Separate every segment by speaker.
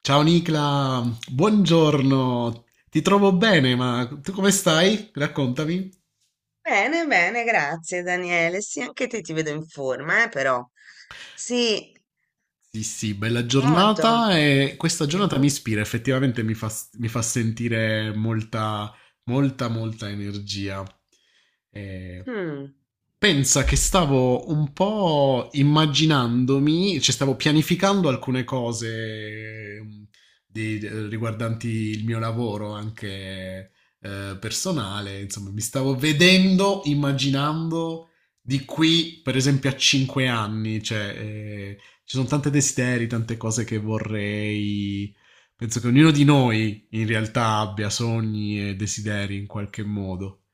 Speaker 1: Ciao Nicla, buongiorno. Ti trovo bene, ma tu come stai? Raccontami.
Speaker 2: Bene, bene, grazie Daniele. Sì, anche te ti vedo in forma, però. Sì,
Speaker 1: Sì, sì, bella
Speaker 2: molto.
Speaker 1: giornata e questa giornata mi
Speaker 2: Mhm.
Speaker 1: ispira, effettivamente mi fa sentire molta, molta, molta energia. Eh,
Speaker 2: Mm.
Speaker 1: Pensa che stavo un po' immaginandomi, cioè stavo pianificando alcune cose di- riguardanti il mio lavoro anche personale, insomma, mi stavo vedendo, immaginando di qui, per esempio, a 5 anni, cioè ci sono tanti desideri, tante cose che vorrei. Penso che ognuno di noi in realtà abbia sogni e desideri in qualche modo.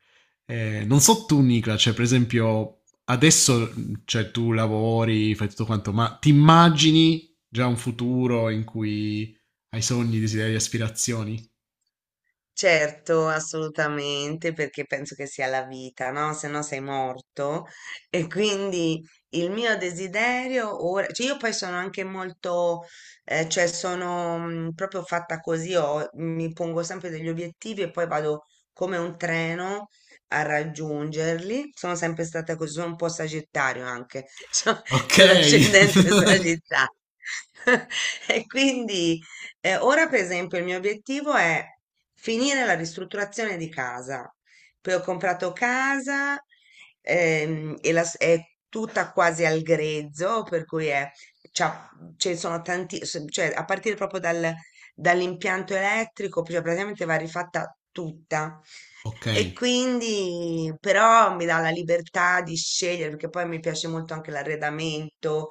Speaker 1: Non so tu, Nicola, cioè, per esempio, adesso cioè, tu lavori, fai tutto quanto, ma ti immagini già un futuro in cui hai sogni, desideri, aspirazioni?
Speaker 2: Certo, assolutamente, perché penso che sia la vita, no? Se no sei morto. E quindi il mio desiderio ora, cioè io poi sono anche molto, cioè sono proprio fatta così, mi pongo sempre degli obiettivi e poi vado come un treno a raggiungerli. Sono sempre stata così, sono un po' sagittario anche,
Speaker 1: Ok,
Speaker 2: c'ho l'ascendente sagittario. E quindi ora, per esempio, il mio obiettivo è finire la ristrutturazione di casa. Poi ho comprato casa e è tutta quasi al grezzo, per cui è, c'ha- ce sono tanti, cioè a partire proprio dall'impianto elettrico, cioè praticamente va rifatta tutta.
Speaker 1: ok,
Speaker 2: E quindi però mi dà la libertà di scegliere, perché poi mi piace molto anche l'arredamento,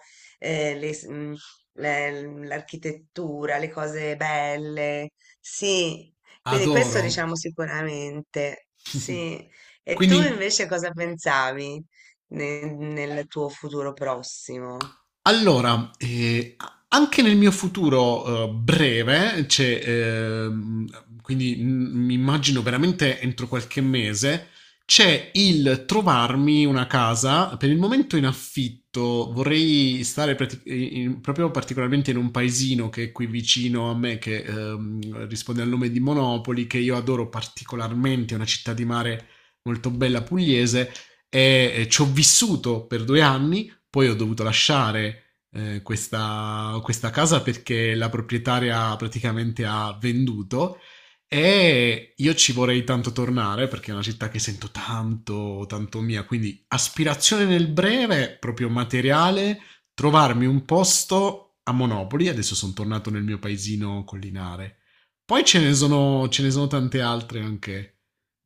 Speaker 2: l'architettura, le cose belle, sì, quindi questo
Speaker 1: adoro.
Speaker 2: diciamo sicuramente, sì. E tu
Speaker 1: Quindi.
Speaker 2: invece cosa pensavi nel tuo futuro prossimo?
Speaker 1: Allora, anche nel mio futuro breve, c'è, quindi mi immagino veramente entro qualche mese, c'è il trovarmi una casa, per il momento in affitto, vorrei stare proprio particolarmente in un paesino che è qui vicino a me, che risponde al nome di Monopoli, che io adoro particolarmente, è una città di mare molto bella pugliese e ci ho vissuto per 2 anni, poi ho dovuto lasciare questa casa perché la proprietaria praticamente ha venduto e io ci vorrei tanto tornare perché è una città che sento tanto, tanto mia. Quindi aspirazione nel breve, proprio materiale, trovarmi un posto a Monopoli. Adesso sono tornato nel mio paesino collinare. Poi ce ne sono tante altre anche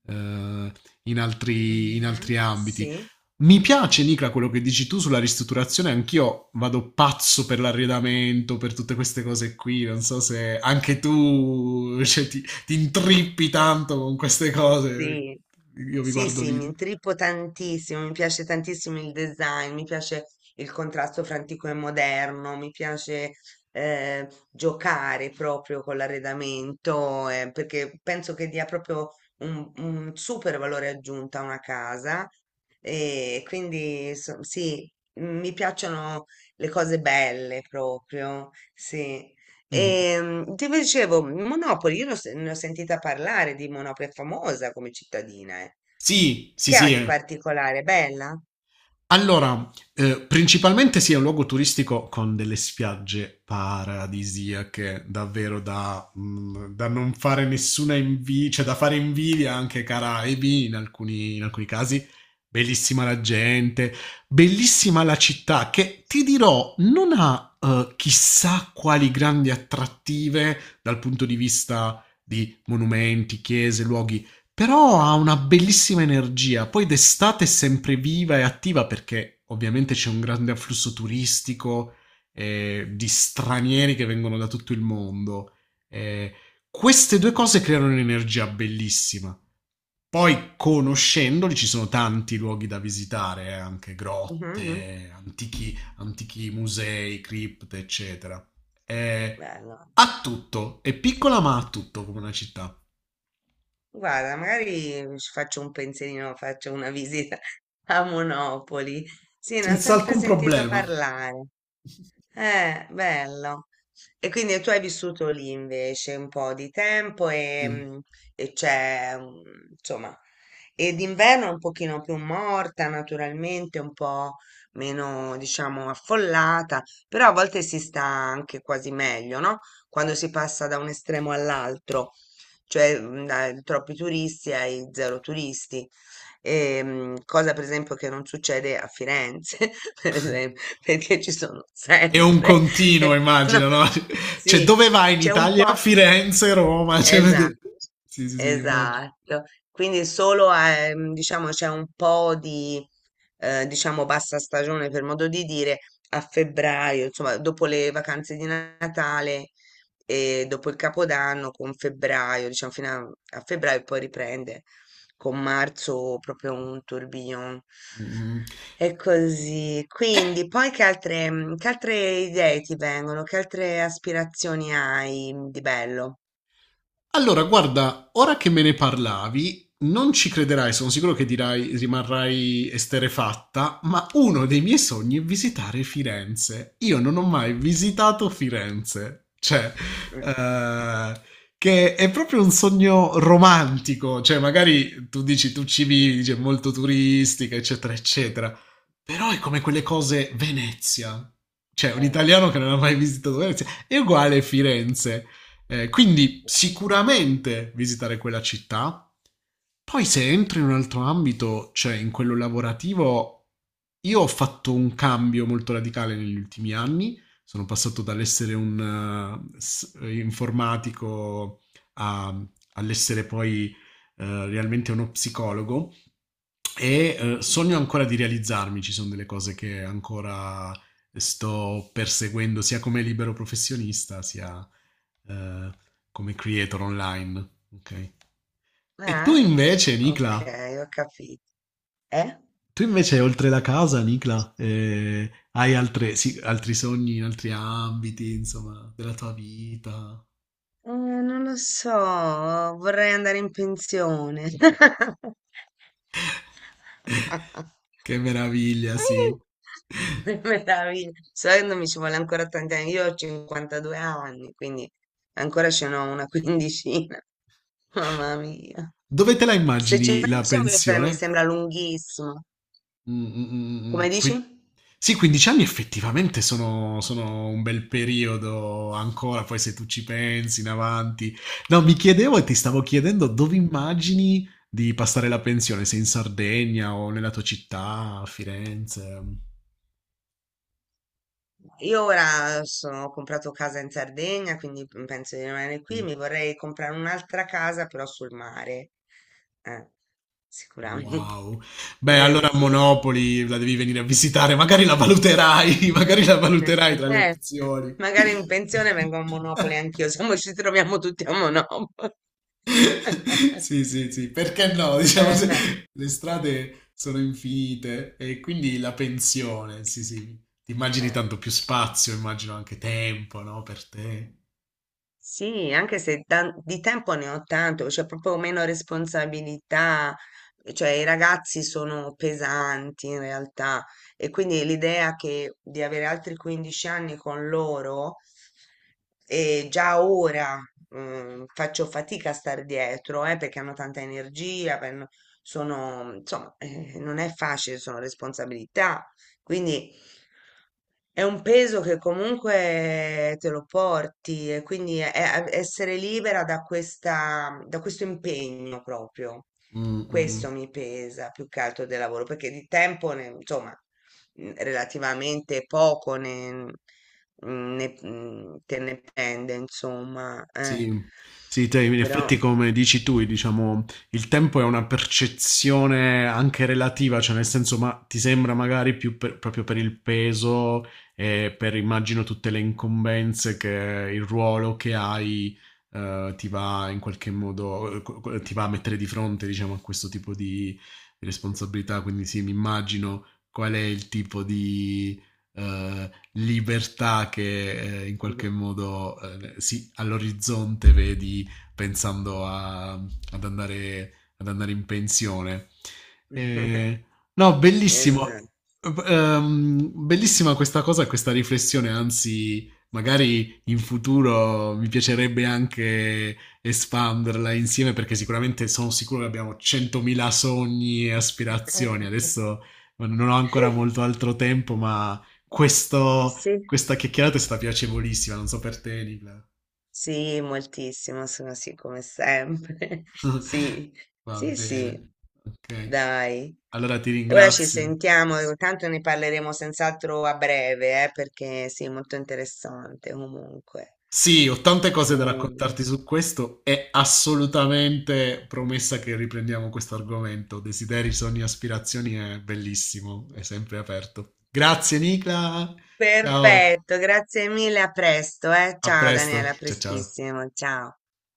Speaker 1: eh, in, altri, in
Speaker 2: Mhm.
Speaker 1: altri ambiti.
Speaker 2: Sì.
Speaker 1: Mi piace, Nicla, quello che dici tu sulla ristrutturazione. Anch'io vado pazzo per l'arredamento, per tutte queste cose qui. Non so se anche tu, cioè, ti intrippi tanto con queste cose.
Speaker 2: Sì,
Speaker 1: Io vi
Speaker 2: sì,
Speaker 1: guardo
Speaker 2: sì, mi
Speaker 1: video.
Speaker 2: intrippo tantissimo, mi piace tantissimo il design, mi piace il contrasto fra antico e moderno, mi piace giocare proprio con l'arredamento, perché penso che dia proprio un super valore aggiunto a una casa e quindi sì, mi piacciono le cose belle proprio, sì.
Speaker 1: Mm.
Speaker 2: E, ti dicevo, Monopoli, io l'ho se- ne ho sentita parlare di Monopoli, è famosa come cittadina, eh.
Speaker 1: Sì, sì,
Speaker 2: Che ha
Speaker 1: sì.
Speaker 2: di particolare? Bella?
Speaker 1: Allora, principalmente sì, è un luogo turistico con delle spiagge paradisiache, davvero da non fare nessuna invidia, cioè da fare invidia anche ai Caraibi in alcuni casi. Bellissima la gente, bellissima la città che ti dirò non ha chissà quali grandi attrattive dal punto di vista di monumenti, chiese, luoghi, però ha una bellissima energia, poi d'estate è sempre viva e attiva perché ovviamente c'è un grande afflusso turistico di stranieri che vengono da tutto il mondo. Eh, queste due
Speaker 2: Mhm,
Speaker 1: cose creano un'energia bellissima. Poi conoscendoli ci sono tanti luoghi da visitare, anche
Speaker 2: mhm.
Speaker 1: grotte, antichi, antichi musei, cripte, eccetera. Eh,
Speaker 2: Bello,
Speaker 1: ha tutto, è
Speaker 2: sì.
Speaker 1: piccola ma ha tutto come una città,
Speaker 2: Guarda, magari ci faccio un pensierino, faccio una visita a Monopoli. Sì, ne ho
Speaker 1: senza
Speaker 2: sempre
Speaker 1: alcun
Speaker 2: sentito
Speaker 1: problema.
Speaker 2: parlare.
Speaker 1: Sì.
Speaker 2: Bello. E quindi tu hai vissuto lì invece un po' di tempo e, e c'è, insomma, e d'inverno è un pochino più morta naturalmente, un po' meno, diciamo, affollata, però a volte si sta anche quasi meglio, no? Quando si passa da un estremo all'altro, cioè dai troppi turisti ai zero turisti. Cosa per esempio che non succede a Firenze, per esempio, perché ci sono
Speaker 1: È un
Speaker 2: sempre,
Speaker 1: continuo
Speaker 2: eh, no,
Speaker 1: immagino, no, cioè
Speaker 2: sì,
Speaker 1: dove vai in
Speaker 2: c'è un
Speaker 1: Italia?
Speaker 2: po',
Speaker 1: Firenze, Roma, cioè
Speaker 2: esatto.
Speaker 1: sì, sì, sì immagino.
Speaker 2: Esatto, quindi solo diciamo c'è un po' di diciamo bassa stagione per modo di dire a febbraio, insomma dopo le vacanze di Natale e dopo il Capodanno con febbraio, diciamo fino a febbraio poi riprende con marzo proprio un tourbillon.
Speaker 1: Mh-mh.
Speaker 2: E così,
Speaker 1: E
Speaker 2: quindi poi che altre, che altre idee ti vengono? Che altre aspirazioni hai di bello?
Speaker 1: allora, guarda, ora che me ne parlavi, non ci crederai, sono sicuro che dirai, rimarrai esterefatta, ma uno dei miei sogni è visitare Firenze. Io non ho mai visitato Firenze, cioè, eh, che è proprio un sogno romantico, cioè magari tu dici tu ci vivi, dici, è molto turistica, eccetera, eccetera, però è come quelle cose Venezia, cioè un italiano che non ha mai visitato Venezia è uguale a Firenze. Quindi sicuramente visitare quella città. Poi se entro in un altro ambito, cioè in quello lavorativo, io ho fatto un cambio molto radicale negli ultimi anni. Sono passato dall'essere un informatico a- all'essere poi realmente uno psicologo e sogno ancora di realizzarmi, ci sono delle cose che ancora sto perseguendo sia come libero professionista sia eh, come creator online. Ok? E tu
Speaker 2: Eh?
Speaker 1: invece,
Speaker 2: Ok,
Speaker 1: Nicla,
Speaker 2: ho capito. Eh?
Speaker 1: tu invece oltre la casa, Nicla, hai sì, altri sogni in altri ambiti, insomma, della tua vita?
Speaker 2: Non lo so, vorrei andare in pensione.
Speaker 1: Che meraviglia, sì.
Speaker 2: Meraviglia. Sai che non mi ci vuole ancora tanti anni. Io ho 52 anni, quindi ancora ce n'ho una quindicina. Mamma mia.
Speaker 1: Dove te la
Speaker 2: Se ci
Speaker 1: immagini la
Speaker 2: penso, mi
Speaker 1: pensione?
Speaker 2: sembra lunghissimo. Come
Speaker 1: Qui
Speaker 2: dici?
Speaker 1: sì, 15 anni effettivamente sono un bel periodo ancora, poi se tu ci pensi in avanti. No, mi chiedevo e ti stavo chiedendo dove immagini di passare la pensione, se in Sardegna o nella tua città, a Firenze.
Speaker 2: Io ora sono, ho comprato casa in Sardegna, quindi penso di rimanere qui.
Speaker 1: Mh.
Speaker 2: Mi vorrei comprare un'altra casa, però sul mare. Eh, sicuramente.
Speaker 1: Wow. Beh,
Speaker 2: Eh
Speaker 1: allora a
Speaker 2: sì.
Speaker 1: Monopoli la devi venire a visitare, magari la valuterai, magari la valuterai tra le
Speaker 2: Eh,
Speaker 1: opzioni.
Speaker 2: magari in pensione vengo a Monopoli anch'io, se no ci troviamo tutti a Monopoli.
Speaker 1: Sì, sì, sì, perché no? Diciamo,
Speaker 2: Eh,
Speaker 1: le strade sono infinite e quindi la pensione, sì, sì, ti immagini
Speaker 2: eh.
Speaker 1: tanto più spazio, immagino anche tempo, no? Per te.
Speaker 2: Sì, anche se di tempo ne ho tanto, c'è proprio meno responsabilità, cioè i ragazzi sono pesanti in realtà e quindi l'idea che di avere altri 15 anni con loro e già ora faccio fatica a stare dietro, perché hanno tanta energia, hanno- sono, insomma, non è facile, sono responsabilità, quindi è un peso che comunque te lo porti e quindi è essere libera da questa, da questo impegno proprio.
Speaker 1: Mm, mm, mm.
Speaker 2: Questo mi pesa più che altro del lavoro, perché di tempo, insomma, relativamente poco ne, te ne prende, insomma. Eh.
Speaker 1: Sì, sì, te, in
Speaker 2: Però...
Speaker 1: effetti come dici tu, diciamo, il tempo è una percezione anche relativa, cioè nel senso, ma ti sembra magari più proprio per il peso e per, immagino, tutte le incombenze che il ruolo che hai ti va in qualche modo, ti va a mettere di fronte, diciamo, a questo tipo di responsabilità, quindi sì, mi immagino qual è il tipo di... eh, libertà che in qualche modo sì, all'orizzonte vedi pensando ad andare in pensione. Eh, no, bellissimo.
Speaker 2: Esatto.
Speaker 1: Bellissima questa cosa, questa riflessione, anzi, magari in futuro mi piacerebbe anche espanderla insieme perché sicuramente sono sicuro che abbiamo 100.000 sogni e aspirazioni. Adesso non ho ancora molto altro tempo, ma questo,
Speaker 2: Sì.
Speaker 1: questa chiacchierata è stata piacevolissima, non so per te, Nicola.
Speaker 2: Sì, moltissimo, sono sì, come sempre. Sì,
Speaker 1: Va
Speaker 2: sì,
Speaker 1: bene.
Speaker 2: sì,
Speaker 1: Ok,
Speaker 2: dai.
Speaker 1: allora ti
Speaker 2: Ora ci
Speaker 1: ringrazio.
Speaker 2: sentiamo, tanto ne parleremo senz'altro a breve, perché sì, molto interessante comunque.
Speaker 1: Sì, ho tante cose da
Speaker 2: Mm.
Speaker 1: raccontarti su questo. È assolutamente promessa che riprendiamo questo argomento. Desideri, sogni, aspirazioni è bellissimo, è sempre aperto. Grazie, Nicola. Ciao,
Speaker 2: Perfetto, grazie mille, a presto, eh.
Speaker 1: a
Speaker 2: Ciao
Speaker 1: presto.
Speaker 2: Daniela, a
Speaker 1: Ciao, ciao.
Speaker 2: prestissimo, ciao.